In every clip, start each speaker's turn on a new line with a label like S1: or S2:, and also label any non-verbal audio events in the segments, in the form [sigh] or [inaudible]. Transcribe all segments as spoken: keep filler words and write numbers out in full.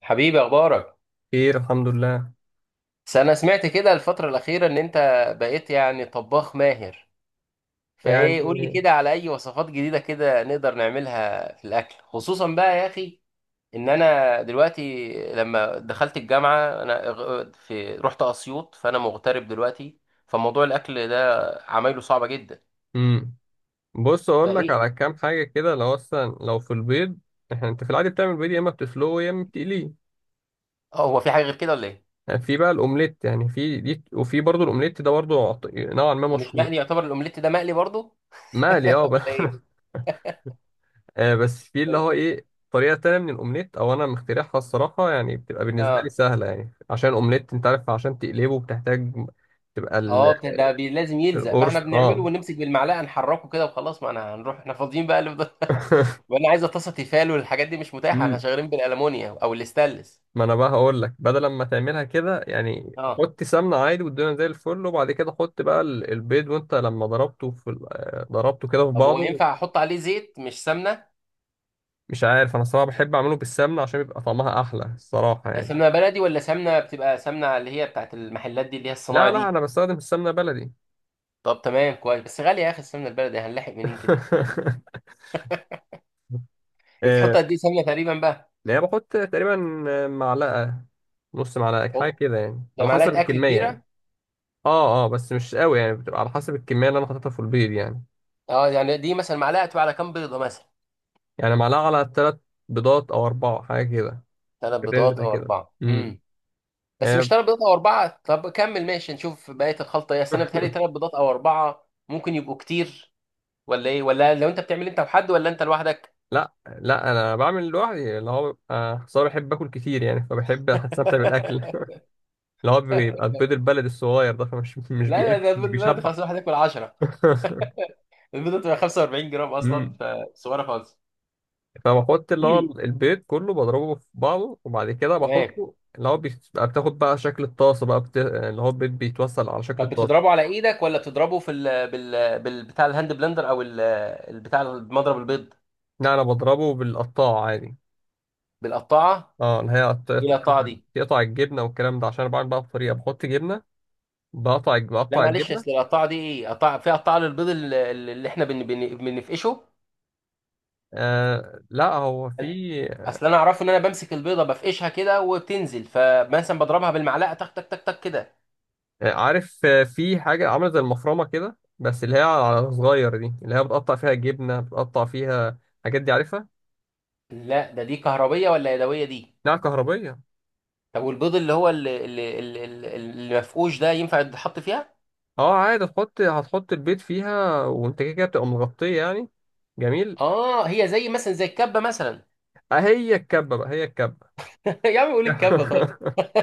S1: حبيبي، اخبارك؟
S2: خير، الحمد لله.
S1: بس انا سمعت كده الفتره الاخيره ان انت بقيت يعني طباخ ماهر. فايه، قول لي
S2: يعني،
S1: كده على اي وصفات جديده كده نقدر نعملها في الاكل، خصوصا بقى يا اخي، ان انا دلوقتي لما دخلت الجامعه انا غ- في رحت اسيوط، فانا مغترب دلوقتي. فموضوع الاكل ده عمايله صعبه جدا.
S2: امم بص اقول لك
S1: فايه؟
S2: على كام حاجه كده. لو اصلا لو في البيض، احنا انت في العادي بتعمل بيض، يا اما بتسلقه يا اما بتقليه.
S1: اه، هو في حاجه غير كده ولا ايه؟
S2: يعني في بقى الاومليت، يعني في دي، وفي برضه الاومليت ده برضه عط- نوعا ما
S1: ومش
S2: مشهور.
S1: مقلي؟ يعتبر الاومليت ده مقلي برضو
S2: مقلي، اه، بس.
S1: ولا
S2: [laughs]
S1: ايه؟
S2: آه، بس في اللي
S1: طيب.
S2: هو ايه، طريقه تانية من الاومليت، او انا مخترعها الصراحه يعني، بتبقى بالنسبه لي
S1: اه
S2: سهله يعني، عشان الاومليت انت عارف، عشان تقلبه بتحتاج تبقى ال-
S1: اه بت- ده بي- لازم يلزق، فاحنا
S2: القرص،
S1: بنعمله
S2: اه.
S1: ونمسك بالمعلقه نحركه كده وخلاص، ما انا هنروح احنا فاضيين بقى اللي فضل. [laughs]
S2: [laughs]
S1: وانا عايزه طاسه تيفال والحاجات دي مش متاحه، احنا
S2: مم.
S1: شغالين بالالمونيا او الاستانلس.
S2: ما انا بقى هقول لك، بدل ما تعملها كده، يعني
S1: اه،
S2: حط سمنه عادي والدنيا زي الفل، وبعد كده حط بقى ال- البيض، وانت لما ضربته في ال- آه، ضربته كده في
S1: طب هو
S2: بعضه.
S1: ينفع احط عليه زيت مش سمنه؟
S2: مش عارف، انا الصراحه بحب اعمله بالسمنه عشان بيبقى طعمها احلى الصراحه يعني.
S1: سمنه بلدي ولا سمنه بتبقى سمنه اللي هي بتاعت المحلات دي اللي هي
S2: لا
S1: الصناعه
S2: لا،
S1: دي؟
S2: انا بستخدم السمنه بلدي.
S1: طب تمام كويس، بس غاليه يا اخي السمنه البلدي، هنلاحق منين كده؟
S2: [laughs] آه،
S1: بتحط قد ايه سمنه تقريبا بقى؟
S2: يعني بحط تقريبا آه، معلقه، نص معلقه، حاجه
S1: حط،
S2: كده يعني،
S1: ده
S2: على حسب
S1: معلقه اكل
S2: الكميه يعني.
S1: كبيره.
S2: اه اه، بس مش قوي يعني، بتبقى على حسب الكميه اللي انا حاططها في البيض يعني.
S1: اه يعني دي مثلا معلقه تبقى على كام بيضه مثلا؟
S2: يعني معلقه على ثلاث بيضات او اربعه، حاجه كده،
S1: ثلاث
S2: في الرينج
S1: بيضات
S2: ده
S1: او
S2: كده.
S1: اربعه،
S2: امم
S1: امم بس مش
S2: آه،
S1: ثلاث بيضات او اربعه، طب كمل ماشي نشوف بقيه الخلطه ايه، اصل انا بتهيألي ثلاث
S2: [laughs]
S1: بيضات او اربعه ممكن يبقوا كتير. ولا ايه؟ ولا لو انت بتعمل انت وحد ولا انت لوحدك؟
S2: لا لا، انا بعمل لوحدي، اللي هو بيبقى أصل أنا بحب اكل كتير يعني، فبحب استمتع بالاكل.
S1: [laughs]
S2: [laughs] اللي هو بيبقى البيض البلد الصغير ده، فمش مش
S1: لا لا،
S2: بياكل،
S1: ده
S2: مش
S1: البيض البلد
S2: بيشبع.
S1: خلاص الواحد ياكل عشرة.
S2: [laughs]
S1: البيضه بتبقى خمسة واربعين جرام اصلا،
S2: أمم.
S1: فصغيره خالص.
S2: فبحط
S1: [laughs]
S2: اللي هو
S1: مم.
S2: البيض كله، بضربه في بعضه وبعد كده
S1: تمام.
S2: بحطه، اللي هو بيبقى بتاخد بقى شكل الطاسه بقى، بت... اللي هو البيض بيتوصل على شكل
S1: طب
S2: الطاسه.
S1: بتضربه على ايدك ولا بتضربه في ال بال بال بتاع الهاند بلندر او ال البتاع مضرب البيض؟
S2: لا، انا بضربه بالقطاعه عادي،
S1: بالقطاعه؟
S2: اه، اللي هي
S1: ايه
S2: قط-
S1: القطاعه دي؟
S2: تقطع الجبنه والكلام ده، عشان انا بعمل بقى بطريقه بحط جبنه، بقطع
S1: لا
S2: بقطع
S1: معلش، اصل
S2: الجبنه.
S1: القطاعه دي ايه؟ قطاعه؟ في قطاعه للبيض اللي اللي احنا بن بن بنفقشه؟
S2: آه لا، هو في
S1: اصل انا اعرفه ان انا بمسك البيضه بفقشها كده وبتنزل، فمثلا بضربها بالمعلقه تك تك تك تك كده.
S2: آه، عارف، آه، في حاجة عاملة زي المفرمة كده، بس اللي هي على صغير دي، اللي هي بتقطع فيها جبنة، بتقطع فيها الحاجات دي، عارفها؟
S1: لا ده دي كهربيه ولا يدويه دي؟
S2: نعم، كهربية.
S1: طب والبيض اللي هو اللي اللي اللي اللي- اللي مفقوش ده ينفع يتحط فيها؟
S2: اه عادي، هتحط هتحط البيض فيها، وانت كده كده بتبقى مغطية يعني. جميل.
S1: اه هي زي مثلا زي الكبه مثلا؟
S2: آه، هي الكبة بقى، هي الكبة.
S1: [laughs] يا عم قول الكبه. طب
S2: [laughs]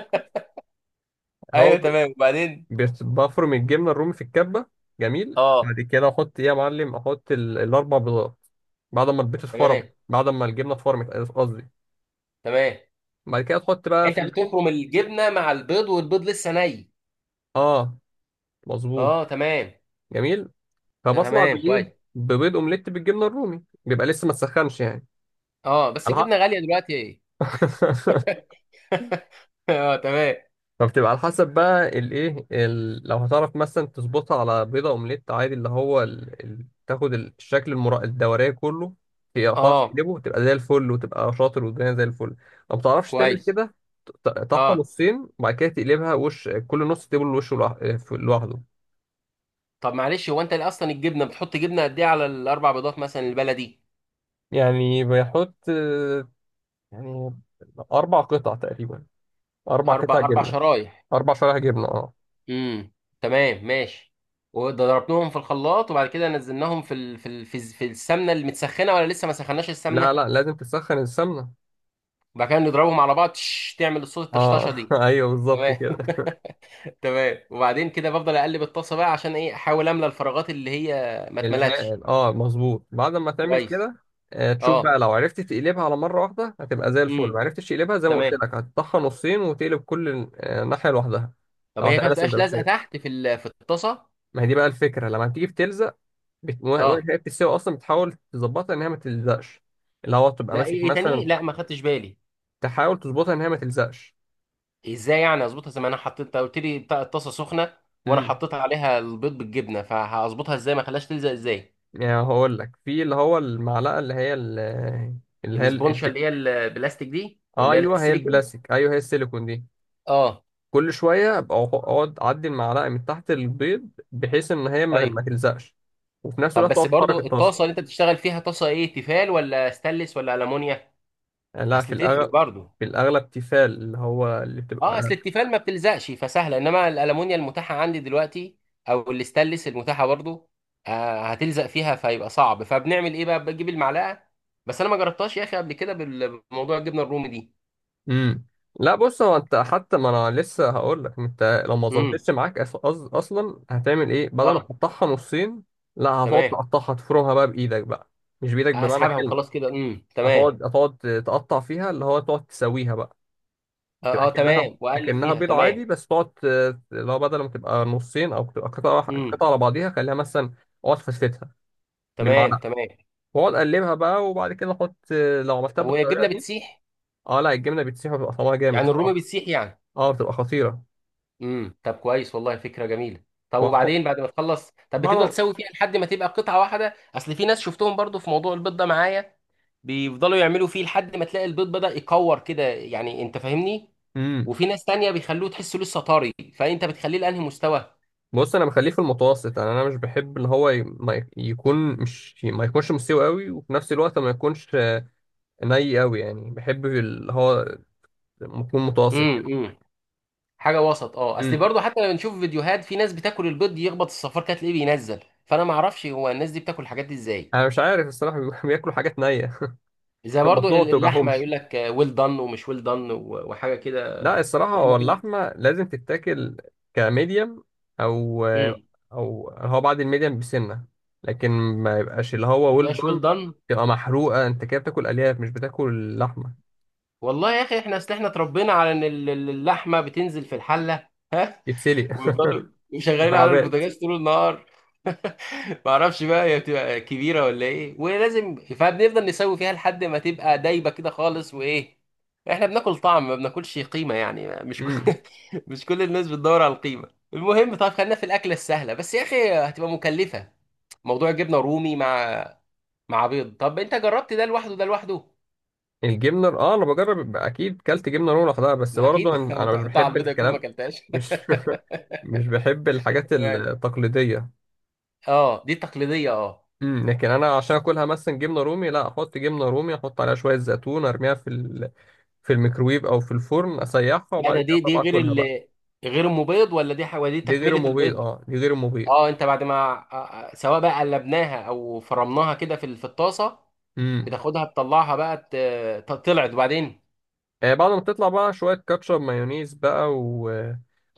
S2: هو
S1: ايوه
S2: ب-
S1: تمام. وبعدين؟
S2: بس- بفرم الجبنة الرومي في الكبة. جميل،
S1: اه،
S2: بعد كده احط ايه يا معلم؟ احط ال- الاربع بيضات، بعد ما البيض اتفرم،
S1: تمام
S2: بعد ما الجبنة اتفرمت قصدي.
S1: تمام.
S2: بعد كده تحط بقى
S1: انت
S2: فلفل،
S1: بتفرم الجبنه مع البيض والبيض لسه ني؟
S2: اه، مظبوط.
S1: اه تمام.
S2: جميل،
S1: ده
S2: فبطلع
S1: تمام كويس.
S2: بايه؟ ببيض اومليت بالجبنه الرومي، بيبقى لسه ما تسخنش يعني.
S1: اه بس
S2: على حق.
S1: الجبنه غاليه دلوقتي.
S2: [laughs]
S1: [laughs] اه تمام.
S2: فبتبقى على حسب بقى الايه، ال... لو هتعرف مثلا تظبطها على بيضه اومليت عادي، اللي هو ال... ال... تاخد الشكل المرا... الدوريه كله، في تعرف
S1: اه
S2: تقلبه تبقى زي الفل، وتبقى شاطر والدنيا زي الفل. لو ما بتعرفش تعمل
S1: كويس.
S2: كده، ت- تقطعها
S1: اه
S2: نصين وبعد كده تقلبها وش كل نص، تقلب الوش لوح- لوحده.
S1: طب معلش، هو انت ليه اصلا الجبنه بتحط جبنه قد ايه على الاربع بيضات مثلا البلدي؟
S2: يعني بيحط آه، يعني أربع قطع تقريبا، أربع قطع
S1: اربع، اربع
S2: جبنة،
S1: شرايح.
S2: أربع شرايح جبنة، أه.
S1: امم تمام ماشي. وضربناهم في الخلاط وبعد كده نزلناهم في ال... في ال... في, الز- في السمنه المتسخنه، ولا لسه ما سخناش
S2: لا
S1: السمنه؟
S2: لا، لازم تسخن السمنة.
S1: وبعد كده نضربهم على بعض تش تعمل الصوت
S2: أه،
S1: الطشطشه
S2: [laughs]
S1: دي.
S2: أيوه بالظبط
S1: تمام.
S2: كده.
S1: [laughs] تمام وبعدين كده بفضل اقلب الطاسه بقى عشان ايه احاول املى الفراغات اللي هي ما اتملتش.
S2: الحقن، أه مظبوط بعد ما تعمل
S1: كويس.
S2: كده. آه، تشوف
S1: اه
S2: بقى، لو عرفت تقلبها على مرة واحدة هتبقى زي الفل، ما
S1: امم
S2: عرفتش تقلبها زي ما قلت
S1: تمام.
S2: لك، هتطحن نصين وتقلب كل آه، ناحية لوحدها.
S1: طب
S2: لو
S1: هي كانت
S2: هتعملها
S1: بتبقاش لازقه
S2: سندوتشات،
S1: تحت في ال... في الطاسه؟
S2: ما هي دي بقى الفكرة، لما بتيجي بتلزق، بت...
S1: اه
S2: وهي بتستوي أصلا، بتحاول تظبطها إن هي ما تلزقش، اللي هو تبقى
S1: لا، ايه؟
S2: ماسك
S1: إيه تاني؟
S2: مثلا،
S1: لا ما خدتش بالي.
S2: تحاول تظبطها إن هي ما تلزقش.
S1: ازاي يعني اظبطها؟ زي ما انا حطيت، أنت قلت لي بتاع الطاسه سخنه وانا
S2: مم.
S1: حطيت عليها البيض بالجبنه، فهظبطها ازاي ما خلاش تلزق، ازاي؟
S2: يعني هقول لك، في اللي هو المعلقه، اللي هي ال- اللي هي ال-
S1: الاسبونشا اللي هي البلاستيك دي اللي هي
S2: ايوه هي
S1: السيليكون؟
S2: البلاستيك، ايوه هي السيليكون دي.
S1: اه
S2: كل شويه ابقى أخ- اقعد اعدي المعلقه من تحت البيض، بحيث ان هي ما,
S1: ايوه.
S2: ما تلزقش، وفي نفس
S1: طب
S2: الوقت تقعد
S1: بس
S2: تحرك
S1: برضو الطاسه
S2: الطاسه.
S1: اللي انت بتشتغل فيها طاسه ايه، تيفال ولا ستانلس ولا المونيا؟
S2: يعني لا، في
S1: اصل تفرق
S2: الاغلب،
S1: برضو.
S2: في الاغلب تيفال، اللي هو اللي
S1: اه
S2: بتبقى.
S1: اصل التيفال ما بتلزقش فسهله، انما الالومنيا المتاحه عندي دلوقتي او الاستانلس المتاحه برضو آه هتلزق فيها، فيبقى صعب، فبنعمل ايه بقى بجيب المعلقه. بس انا ما جربتهاش يا اخي قبل كده بال- بموضوع الجبنه الرومي دي.
S2: امم لا بص، هو انت حتى ما انا لسه هقول لك، انت لو ما
S1: امم
S2: ظبطتش معاك، أص... أص- اصلا هتعمل ايه؟ بدل ما
S1: اه
S2: تقطعها نصين، لا هتقعد
S1: تمام.
S2: تقطعها، تفرمها بقى بايدك بقى، مش بايدك بمعنى
S1: اسحبها
S2: الكلمه.
S1: وخلاص كده، امم تمام.
S2: هتقعد هتقعد تقطع فيها، اللي هو تقعد تسويها بقى، تبقى
S1: اه، اه
S2: كأنها
S1: تمام واقلب
S2: كأنها
S1: فيها،
S2: بيض
S1: تمام.
S2: عادي، بس تقعد ت- اللي هو بدل ما تبقى نصين او تبقى قطعة واحدة-
S1: امم
S2: قطعة على بعضيها، خليها مثلا اقعد فسفتها
S1: تمام
S2: بالمعلقة،
S1: تمام.
S2: واقعد اقلبها بقى وبعد كده احط. لو عملتها
S1: طب وهي
S2: بالطريقة
S1: الجبنه
S2: دي،
S1: بتسيح؟
S2: اه لا، الجبنة بتسيح وبتبقى طعمها جامد
S1: يعني الرومي
S2: الصراحة،
S1: بتسيح يعني؟
S2: اه بتبقى خطيرة.
S1: امم طب كويس والله، فكره جميله. طب
S2: وهتحط-
S1: وبعدين بعد ما تخلص؟ طب
S2: بعد
S1: بتفضل
S2: ما
S1: تسوي فيها لحد ما تبقى قطعه واحده؟ اصل في ناس شفتهم برضو في موضوع البيض ده معايا بيفضلوا يعملوا فيه لحد ما تلاقي البيض بدأ يكور كده، يعني انت فاهمني؟
S2: امم
S1: وفي ناس تانية بيخلوه تحسه لسه طري. فانت بتخليه لانهي مستوى؟
S2: بص، انا بخليه في المتوسط يعني، انا مش بحب اللي هو ي- ما ي- يكون، مش ما يكونش مستوي قوي، وفي نفس الوقت ما يكونش ني قوي يعني، بحب اللي هو ممكن متوسط
S1: امم
S2: كده.
S1: امم حاجه وسط. اه اصل
S2: امم.
S1: برضو حتى لما بنشوف فيديوهات في ناس بتاكل البيض يخبط الصفار كده تلاقيه بينزل، فانا ما اعرفش هو الناس دي بتاكل الحاجات دي ازاي.
S2: انا مش عارف الصراحه بي- [laughs] بياكلوا حاجات نيه. [laughs]
S1: زي برضو
S2: بطنهم ما
S1: اللحمه
S2: بتوجعهمش.
S1: يقول لك ويل دان ومش ويل دان وحاجه كده.
S2: لا الصراحه، هو
S1: احنا بن...
S2: اللحمه لازم تتاكل كميديم، او
S1: مم.
S2: او هو بعد الميديم بسنه، لكن ما يبقاش اللي هو ويل
S1: فلاش ويل
S2: دون،
S1: دان.
S2: تبقى محروقه، انت كده بتاكل الياف مش بتاكل لحمه.
S1: والله يا اخي احنا اصل احنا اتربينا على ان ال- ال- اللحمه بتنزل في الحله
S2: يتسلق
S1: ويفضلوا
S2: [laughs]
S1: شغالين على
S2: مكعبات.
S1: البوتاجاز طول النهار. [laughs] ما اعرفش بقى هي بتبقى كبيره ولا ايه ولازم، فبنفضل نسوي فيها لحد ما تبقى دايبه كده خالص. وايه، احنا بناكل طعم ما بناكلش قيمه يعني. مش كل...
S2: امم
S1: [laughs] مش كل الناس بتدور على القيمه. المهم، طب خلينا في الاكله السهله، بس يا اخي هتبقى مكلفه، موضوع جبنه رومي مع مع بيض. طب انت جربت ده لوحده، ده لوحده؟
S2: الجبنه اه، انا بجرب، يبقى اكيد كلت جبنه رومي لوحدها، بس
S1: ما
S2: برضه
S1: اكيد [laughs]
S2: انا
S1: لو
S2: أنا
S1: انت
S2: مش
S1: هتحطها على
S2: بحب
S1: البيضه يكون ما
S2: الكلام،
S1: اكلتهاش.
S2: مش [laughs] مش بحب
S1: [laughs]
S2: الحاجات
S1: تمام.
S2: التقليديه.
S1: اه دي تقليديه اه.
S2: امم لكن انا عشان اكلها مثلا جبنه رومي، لا احط جبنه رومي، احط عليها شويه زيتون، ارميها في ال... في الميكرويف او في الفرن، اسيحها
S1: لا،
S2: وبعد
S1: ده
S2: كده
S1: دي دي
S2: اطلع
S1: غير
S2: اكلها بقى.
S1: ال غير ام بيض، ولا دي حاجه دي
S2: دي غير
S1: تكمله
S2: المبيض،
S1: البيض؟
S2: اه دي غير المبيض.
S1: اه انت بعد ما، آه، آه، سواء بقى قلبناها او فرمناها كده في ال- في الطاسه،
S2: امم.
S1: بتاخدها تطلعها بقى ت- ت- طلعت، وبعدين؟
S2: آه بعد ما تطلع بقى، شويه كاتشب، مايونيز بقى،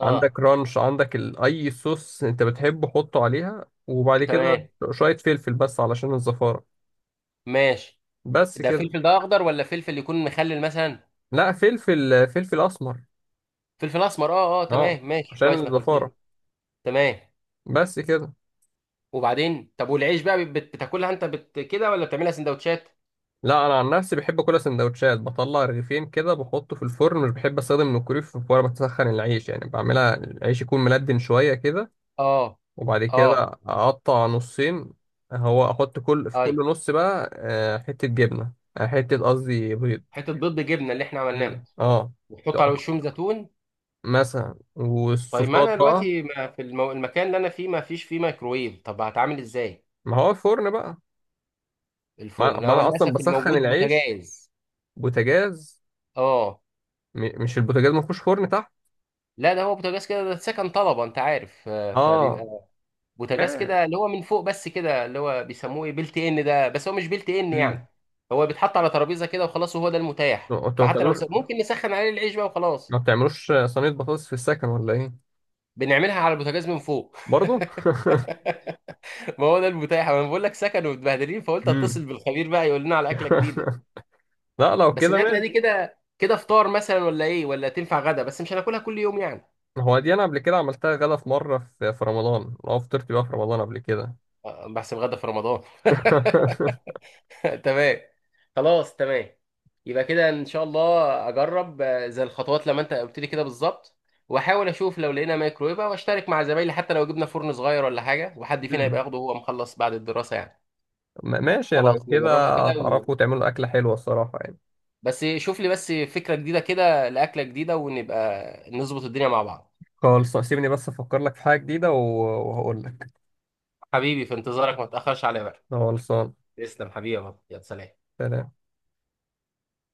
S1: اه
S2: رانش، عندك ال... اي صوص انت بتحبه حطه عليها، وبعد كده
S1: تمام
S2: شويه فلفل بس علشان الزفاره.
S1: ماشي.
S2: بس
S1: ده
S2: كده.
S1: فلفل ده اخضر ولا فلفل يكون مخلل مثلا؟
S2: لا فلفل، فلفل اسمر،
S1: فلفل اسمر؟ اه اه
S2: اه
S1: تمام ماشي،
S2: عشان
S1: كويس انك قلت لي.
S2: الزفاره.
S1: تمام.
S2: بس كده.
S1: وبعدين؟ طب والعيش بقى بت- بتاكلها انت بت كده ولا بتعملها سندوتشات؟
S2: لا انا عن نفسي بحب كل سندوتشات، بطلع رغيفين كده بحطه في الفرن، مش بحب استخدم الكوريف، وانا بسخن العيش يعني، بعملها العيش يكون ملدن شويه كده،
S1: اه
S2: وبعد كده
S1: اه
S2: اه اقطع نصين. هو احط كل في
S1: اي
S2: كل نص بقى آه، حته جبنه، آه، حته قصدي بيض.
S1: حته بيض بجبنه اللي احنا عملناها.
S2: امم، اه،
S1: وتحط على وشهم زيتون؟
S2: مثلا،
S1: طيب، ما
S2: والصوصات
S1: انا
S2: بقى.
S1: دلوقتي ما في المو... المكان اللي انا فيه ما فيش فيه ميكرويف، طب هتعامل ازاي؟
S2: ما هو الفرن بقى. ما
S1: الفرن
S2: ما
S1: هو
S2: انا اصلا
S1: للاسف
S2: بسخن
S1: الموجود
S2: العيش
S1: بوتاجاز.
S2: بوتاجاز.
S1: اه
S2: م- مش البوتاجاز ما فيهوش فرن تحت؟
S1: لا، ده هو بوتاجاز كده، ده سكن طلبه انت عارف، آه،
S2: اه،
S1: فبيبقى بوتاجاز
S2: ما-
S1: كده اللي هو من فوق بس كده اللي هو بيسموه ايه، بيلت ان ده، بس هو مش بيلت ان يعني،
S2: امم
S1: هو بيتحط على ترابيزه كده وخلاص، وهو ده المتاح.
S2: انتوا ما
S1: فحتى لو
S2: بتعملوش،
S1: س... ممكن نسخن عليه العيش بقى وخلاص.
S2: ما بتعملوش صينية بطاطس في السكن ولا ايه؟
S1: بنعملها على البوتاجاز من فوق.
S2: برضو.
S1: ما هو ده المتاح، انا بقول لك سكن ومتبهدلين،
S2: [laughs]
S1: فقلت
S2: امم.
S1: اتصل بالخبير بقى يقول لنا على اكله جديده.
S2: [laughs] لا لو
S1: بس
S2: كده
S1: الاكله دي
S2: ماشي.
S1: كده كده فطار مثلا ولا ايه؟ ولا تنفع غدا، بس مش هناكلها كل يوم يعني؟
S2: هو دي، انا قبل كده عملتها غدا في مرة، في في رمضان، لو فطرت بقى في رمضان قبل كده.
S1: آه، بحسب غدا في رمضان.
S2: [laughs]
S1: [laughs] تمام. خلاص تمام. يبقى كده ان شاء الله اجرب آه، زي الخطوات لما انت قلت لي كده بالظبط، واحاول اشوف لو لقينا مايكرويف، واشترك مع زمايلي حتى لو جبنا فرن صغير ولا حاجه، وحد فينا يبقى
S2: مم.
S1: ياخده وهو مخلص بعد الدراسه يعني.
S2: ما- ماشي، لو
S1: خلاص نجربها
S2: كده
S1: كده.
S2: هتعرفوا تعملوا أكلة حلوة الصراحة يعني.
S1: بس شوف لي بس فكرة جديدة كده لأكلة جديدة ونبقى نظبط الدنيا مع بعض.
S2: خلص سيبني بس أفكر لك في حاجة جديدة، و- وهقول لك.
S1: حبيبي في انتظارك، ما تأخرش عليا بقى.
S2: خلصان.
S1: تسلم حبيبي يا بابا. يا سلام.
S2: سلام.